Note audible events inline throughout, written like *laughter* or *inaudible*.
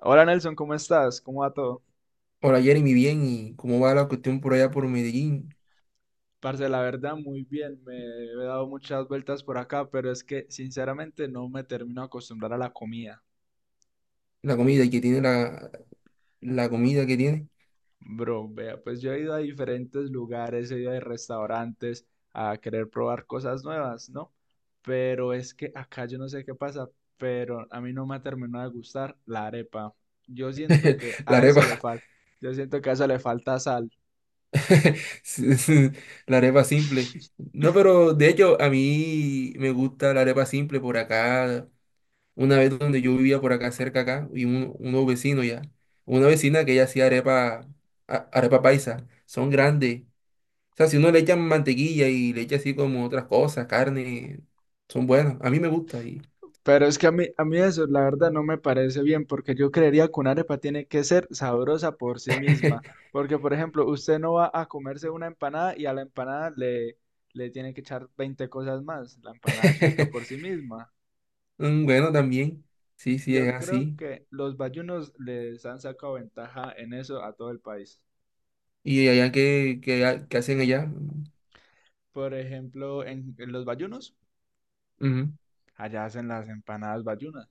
Hola Nelson, ¿cómo estás? ¿Cómo va todo? Hola Jeremy, bien, ¿y cómo va la cuestión por allá por Medellín? Parce, la verdad, muy bien. Me he dado muchas vueltas por acá, pero es que sinceramente no me termino de acostumbrar a la comida. La comida, ¿y qué tiene la comida que tiene? Bro, vea, pues yo he ido a diferentes lugares, he ido a restaurantes a querer probar cosas nuevas, ¿no? Pero es que acá yo no sé qué pasa, pero a mí no me ha terminado de gustar la arepa. Yo siento que *laughs* La a eso le arepa, falta, yo siento que a eso le falta sal. *laughs* sí, sí, la arepa simple. *laughs* No, pero de hecho a mí me gusta la arepa simple por acá. Una vez donde yo vivía por acá cerca acá, y unos vecinos ya, una vecina que ella hacía arepa, arepa paisa, son grandes. O sea, si uno le echa mantequilla y le echa así como otras cosas, carne, son buenas. A mí me gusta y... Pero es que a mí eso, la verdad, no me parece bien, porque yo creería que una arepa tiene que ser sabrosa por sí misma. *laughs* Porque, por ejemplo, usted no va a comerse una empanada y a la empanada le tiene que echar 20 cosas más. La empanada es rica por sí misma. Bueno, también. Sí, sí, es Yo creo así. que los bayunos les han sacado ventaja en eso a todo el país. ¿Y allá qué, qué hacen allá? Por ejemplo, en los bayunos, Ujú. allá hacen las empanadas bayunas.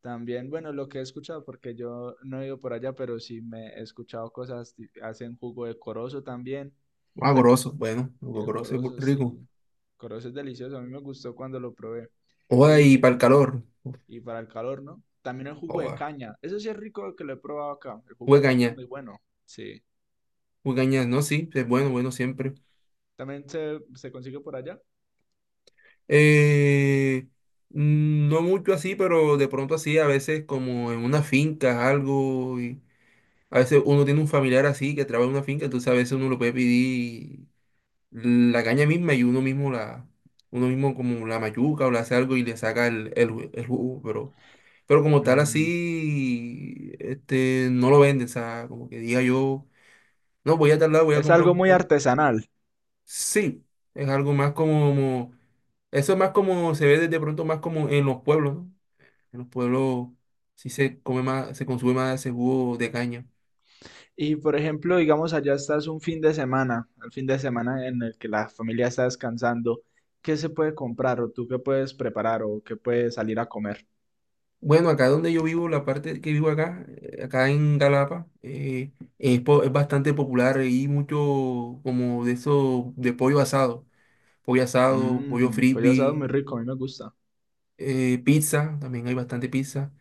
También, bueno, lo que he escuchado, porque yo no he ido por allá, pero sí me he escuchado cosas, hacen jugo de corozo también. Ah, goroso. Bueno, El goroso, corozo, rico. sí. Corozo es delicioso, a mí me gustó cuando lo probé. Joda, y Y, para el calor. Uf, y para el calor, ¿no? También el jugo de Joda. caña. Eso sí es rico que lo he probado acá. El jugo de caña es Huecaña. muy bueno. Sí. Huecaña, no, sí, es bueno, bueno siempre. También se consigue por allá. Eh, no mucho así, pero de pronto así, a veces como en una finca, algo. Y a veces uno tiene un familiar así que trabaja en una finca, entonces a veces uno lo puede pedir la caña misma y uno mismo la, uno mismo como la mayuca o le hace algo y le saca el, el jugo, pero, como tal Mm. así, este, no lo venden, o sea, como que diga yo, no, voy a tal lado, voy a Es comprar un algo muy jugo". artesanal. Sí, es algo más como, eso es más como, se ve de pronto más como en los pueblos, ¿no? En los pueblos sí se come más, se consume más ese jugo de caña. Y por ejemplo, digamos, allá estás un fin de semana, el fin de semana en el que la familia está descansando, ¿qué se puede comprar o tú qué puedes preparar o qué puedes salir a comer? Bueno, acá donde yo vivo, la parte que vivo acá, acá en Galapa, es, es bastante popular y mucho como de eso, de pollo asado, pollo asado, pollo Mmm, pues ya sabes, frisbee, muy rico, a mí me gusta. Pizza, también hay bastante pizza.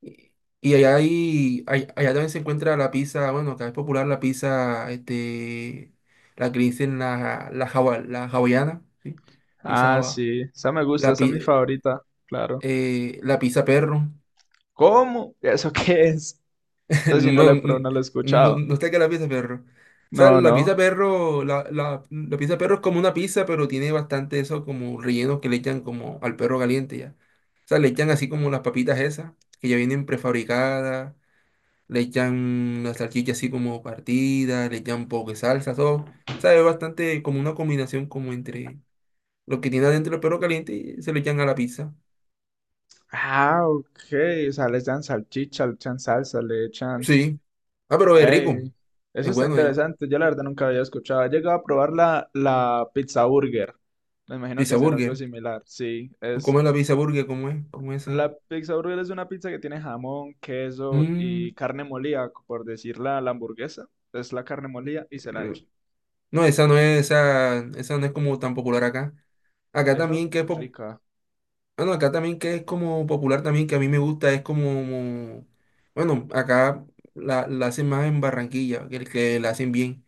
Y, y allá hay, allá también se encuentra la pizza, bueno, acá es popular la pizza, este, la que le dicen la hawaiana, ¿sí? Pizza Ah, hawa- sí, esa me gusta, la, esa es mi pi- favorita, claro. La pizza perro. ¿Cómo? ¿Eso qué es? Eso si no No, lo he probado, n- no lo he no, escuchado. no sé qué es la pizza perro. O sea, No, la pizza no. perro, la pizza perro es como una pizza, pero tiene bastante eso como rellenos que le echan como al perro caliente ya. O sea, le echan así como las papitas esas, que ya vienen prefabricadas, le echan la salchicha así como partida, le echan un poco de salsa, todo. O sea, es bastante como una combinación como entre lo que tiene adentro el perro caliente y se le echan a la pizza. Ah, ok, o sea, les dan salchicha, le echan salsa, le echan... Sí. Ah, pero es rico. Ey, eso Es está bueno, es interesante. Yo la verdad nunca había escuchado. He llegado a probar la pizza burger. Me imagino pizza que será algo burger. similar. Sí, ¿Tú es comes la pizza burger? ¿Cómo es? ¿Cómo es La esa? pizza burger es una pizza que tiene jamón, queso Mm, y carne molida, por decirla, la hamburguesa. Es la carne molida y se la mm, echa. no, esa no es, esa no es como tan popular acá. Acá Esa también que es es rica. bueno, acá también que es como popular también, que a mí me gusta, es como, bueno, acá la hacen más en Barranquilla, que el que la hacen bien.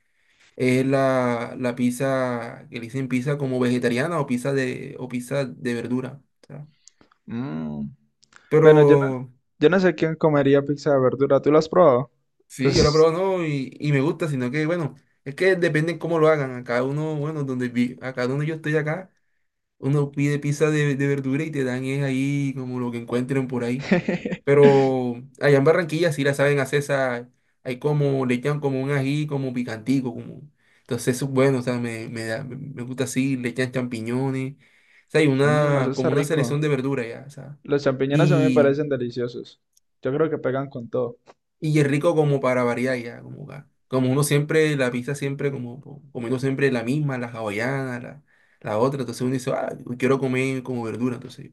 Es la pizza, que le dicen pizza como vegetariana o pizza de verdura. O sea. Mm. Pero Bueno, yo no sé quién comería pizza de verdura. ¿Tú la has probado? sí, yo la Es- probado no, y me gusta, sino que bueno, es que depende cómo lo hagan. Acá uno, bueno, donde vi, acá donde yo estoy acá. Uno pide pizza de, verdura y te dan es ahí como lo que encuentren por ahí. *laughs* Pero allá en Barranquilla sí la saben hacer esa, hay como, le echan como un ají como picantico, como, entonces eso es bueno, o sea, me gusta así, le echan champiñones, o sea, hay Mm, eso una, está como una rico. selección de verdura ya, o sea, Los champiñones a mí me y, parecen deliciosos. Yo creo que pegan con todo. y es rico como para variar ya, como, como uno siempre, la pizza siempre, como, comiendo siempre la misma, la hawaiana, la otra, entonces uno dice, ah, quiero comer como verdura, entonces.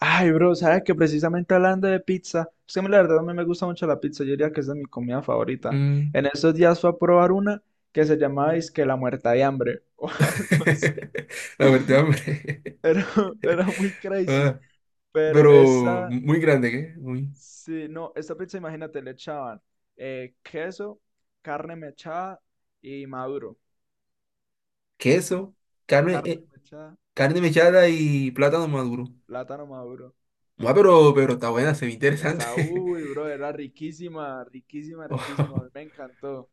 Ay, bro, sabes que precisamente hablando de pizza, es que a mí la verdad a mí me gusta mucho la pizza, yo diría que esa es mi comida favorita. Mm. En estos días fui a probar una que se llamaba que la muerta de hambre *laughs* o algo así. *laughs* La muerte de hambre. Era, *laughs* era muy crazy, Ah, pero pero esa, muy grande, ¿qué? Muy... sí, no, esta pizza imagínate, le echaban queso, carne mechada y maduro, Queso, carne, carne mechada, carne mechada y plátano maduro. plátano maduro. Ah, pero está buena, se ve Está, interesante. uy, *laughs* bro, era riquísima, riquísima, riquísima, a Oh, mí me encantó.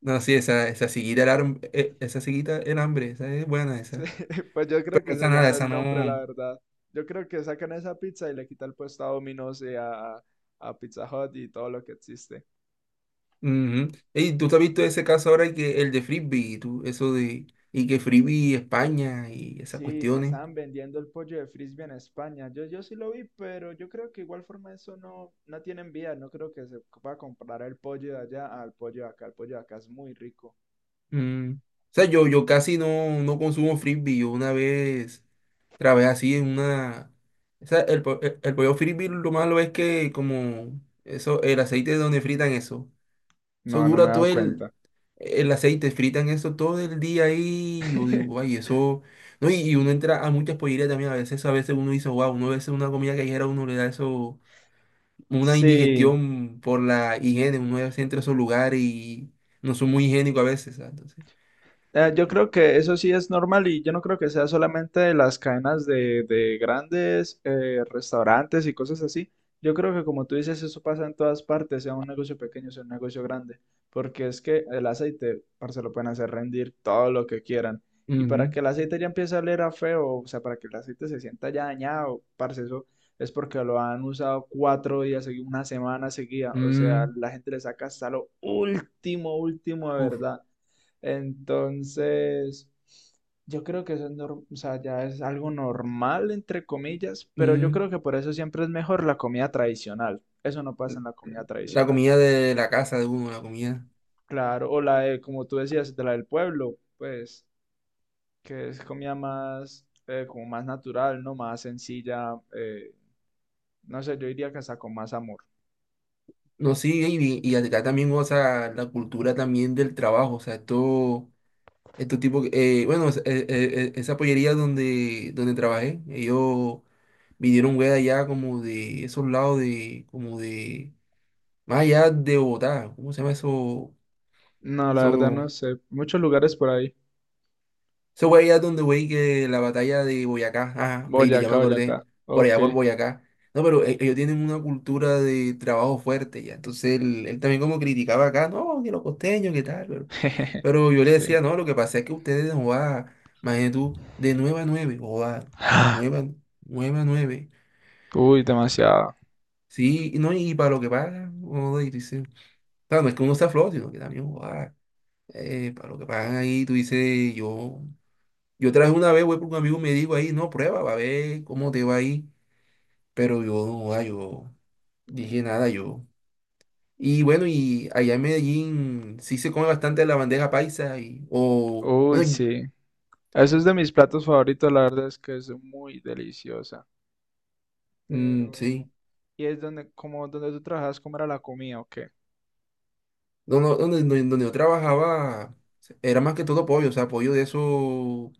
no, sí, esa siguita era, esa siguita era hambre, esa es buena Sí, esa. *laughs* pues yo creo Pero que esa se nada, ganó el esa nombre, la no. verdad. Yo creo que sacan esa pizza y le quita el puesto a Domino's y a Pizza Hut y todo lo que existe. Ujú. Ey, tú te has visto ese caso ahora que el de Frisbee, tú, eso de, y que Frisbee España y esas Sí, que cuestiones. estaban vendiendo el pollo de frisbee en España. Yo sí lo vi, pero yo creo que igual forma eso no, tiene vía. No creo que se pueda comprar el pollo de allá al pollo de acá. El pollo de acá es muy rico. O sea, yo casi no, no consumo frisbee. Yo una vez trabajé así en una... O sea, el pollo frisbee lo malo es que como eso, el aceite donde fritan eso. Eso No, no me he dura todo dado el, cuenta. Aceite, fritan eso todo el día ahí. Yo digo, ay, *laughs* eso... No, y uno entra a muchas pollerías también. A veces uno dice, wow, uno a veces una comida callejera, uno le da eso, una Sí. indigestión por la higiene. Uno a veces entra a esos lugares y no son muy higiénicos a veces, ¿sabes? Entonces... Yo creo que eso sí es normal y yo no creo que sea solamente de las cadenas de grandes restaurantes y cosas así. Yo creo que como tú dices, eso pasa en todas partes, sea un negocio pequeño, sea un negocio grande, porque es que el aceite, parce, lo pueden hacer rendir todo lo que quieran. Y para que el aceite ya empiece a oler a feo, o sea, para que el aceite se sienta ya dañado, parce, eso es porque lo han usado 4 días, seguidos una semana seguida. O sea, Mm, la gente le saca hasta lo último, último de uf, verdad. Entonces, yo creo que eso es, o sea, ya es algo normal, entre comillas, pero yo mm, creo que por eso siempre es mejor la comida tradicional. Eso no pasa en la comida la tradicional. comida de la casa de uno, la comida. Claro, o la de, como tú decías, de la del pueblo, pues, que es comida más, como más natural, ¿no? Más sencilla, no sé, yo diría que hasta con más amor. No, sí, y acá también, o sea, la cultura también del trabajo, o sea, esto, estos tipos, bueno, esa pollería donde, trabajé, ellos vinieron, güey, allá como de esos lados de, como de, más allá de Bogotá, ¿cómo se llama eso? No, la verdad no sé. Muchos lugares por ahí. Ese fue allá donde, güey, que la batalla de Boyacá, ajá, ahí te ya me Boyacá, acordé, Boyacá. por Ok. allá por Boyacá. No, pero ellos tienen una cultura de trabajo fuerte, ya. Entonces él también como criticaba acá, no, que los costeños, que tal, pero, *laughs* yo le decía, Sí. no, lo que pasa es que ustedes, joda, imagínate tú, de 9 a 9, joda, 9 a 9, a 9. *gasps* Uy, demasiado. Sí, y no, y para lo que pagan, joda, y tú dices, claro, no es que uno sea flojo, sino que también, joda, para lo que pagan ahí, tú dices, yo. Yo traje una vez voy por un amigo y me dijo ahí, no, prueba, va a ver cómo te va ahí. Pero yo, ah, yo dije nada, yo. Y bueno, y allá en Medellín sí se come bastante la bandeja paisa y, o, Uy, bueno, sí. Eso es de mis platos favoritos, la verdad es que es muy deliciosa. Pero, sí. ¿y es donde, como donde tú trabajas, cómo era la comida o qué? Donde yo trabajaba era más que todo pollo, o sea, pollo de eso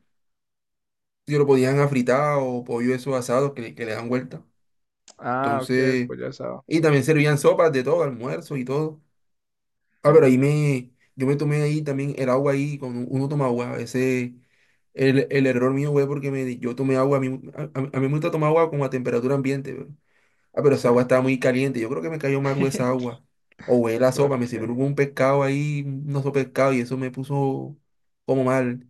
que lo podían afritar o pollo de esos asados que, que le dan vuelta. Ah, ok, el Entonces, pollo asado. y también servían sopas de todo, almuerzo y todo. Ah, pero ahí Mm, me, yo me tomé ahí también el agua ahí, cuando uno toma agua, ese, el error mío, güey, porque me, yo tomé agua, a mí, a mí me gusta tomar agua como a temperatura ambiente, pero, ah, pero sí. esa agua estaba muy caliente, yo creo que me cayó mal, güey, esa *laughs* agua, o güey, la sopa, ¿Por me sirvió qué? un pescado ahí, un oso pescado, y eso me puso como mal,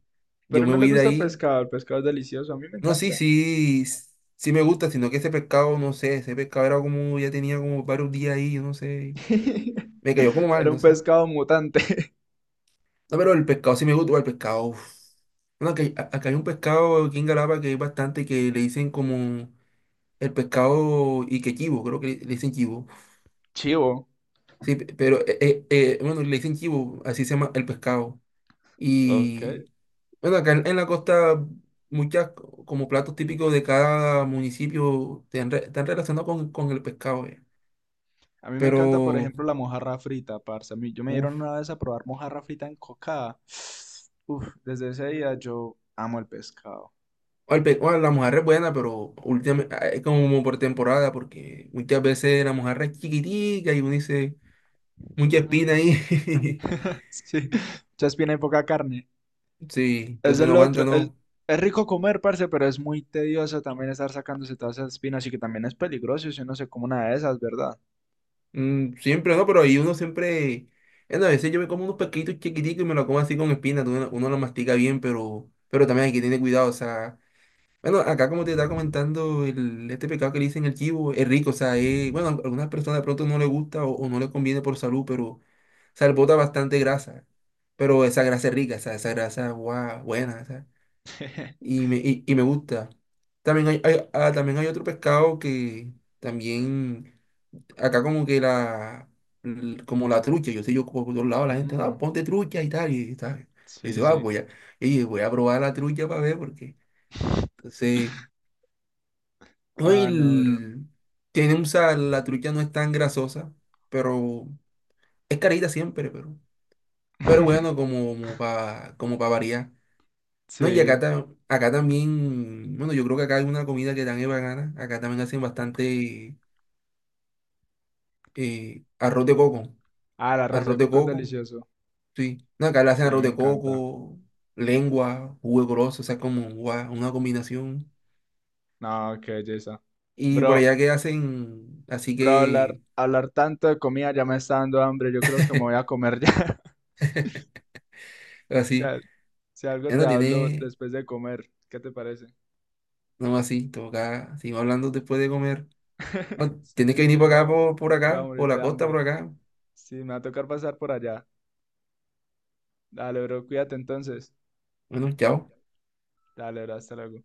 yo Pero me no le huí de gusta ahí, el pescado es delicioso, a mí me no, sí, encanta. sí, sí me gusta, sino que ese pescado, no sé, ese pescado era como, ya tenía como varios días ahí, yo no sé, me cayó como *laughs* mal, Era no un sé. pescado mutante. *laughs* No, pero el pescado sí me gusta, el pescado. Uf. Bueno, acá hay, acá hay un pescado aquí en Galapa que hay bastante que le dicen como el pescado y que chivo, creo que le dicen chivo. Chivo. Sí, pero bueno, le dicen chivo, así se llama el pescado. Ok. Y bueno, acá en, la costa muchas como platos típicos de cada municipio están, están relacionados con, el pescado. Eh. A mí me Pero, encanta, por ejemplo, la mojarra frita, parce. A mí, yo me dieron una vez a probar mojarra frita en cocada. *sniffs* Uf, desde ese día yo amo el pescado. o el o la mujer es buena, pero últimamente es como por temporada, porque muchas veces la mujer es chiquitica y uno dice, mucha espina Mm, ahí. *laughs* *laughs* sí, muchas y poca carne. Sí, Eso entonces es no lo aguanta, otro. Es, no. es rico comer, parce, pero es muy tedioso también estar sacándose todas esas espinas y que también es peligroso si uno se come una de esas, ¿verdad? Siempre no, pero ahí uno siempre. Bueno, a veces yo me como unos pesquitos chiquiticos y me lo como así con espina. Uno lo mastica bien, pero, también hay que tener cuidado, o sea. Bueno, acá como te estaba comentando, el, este pecado que le dicen el chivo es rico, o sea, bueno, a algunas personas de pronto no le gusta o no le conviene por salud, pero. Sea, le bota bastante grasa, pero esa grasa es rica, esa grasa, guau, buena, esa, *laughs* y me, me gusta. También hay, también hay otro pescado que también, acá como que la, como la trucha, yo sé, yo por todos lados la gente, ah, Mm, ponte trucha y tal, y tal. Y sí, dice, ah, sí. voy a, y voy a probar la trucha para ver, porque, entonces, hoy Ah, no, bro. Tiene un sal, la trucha no es tan grasosa, pero es carita siempre, pero... Pero bueno, *laughs* como, para como para variar. No, y acá, Sí. Acá también, bueno, yo creo que acá hay una comida que tan es bacana. Acá también hacen bastante arroz de coco. Ah, el arroz Arroz de de coco es coco, delicioso. sí. No, acá le hacen Sí, a mí arroz me de encanta. coco, lengua, jugo grosso, o sea, como guau, una combinación. No, qué belleza. Y por Bro, allá que hacen, así bro, hablar, que, hablar tanto de comida ya me está dando hambre. Yo creo que me voy a comer ya. *laughs* Si, así, si algo ya te no hablo tiene, después de comer, ¿qué te parece? no así, toca, sigo hablando después de comer. *laughs* No, tienes que Sí, venir sí, por acá, no, por voy a acá, por morir la de costa, por hambre. acá. Sí, me va a tocar pasar por allá. Dale, bro, cuídate entonces. Bueno, chao. Dale, bro, hasta luego.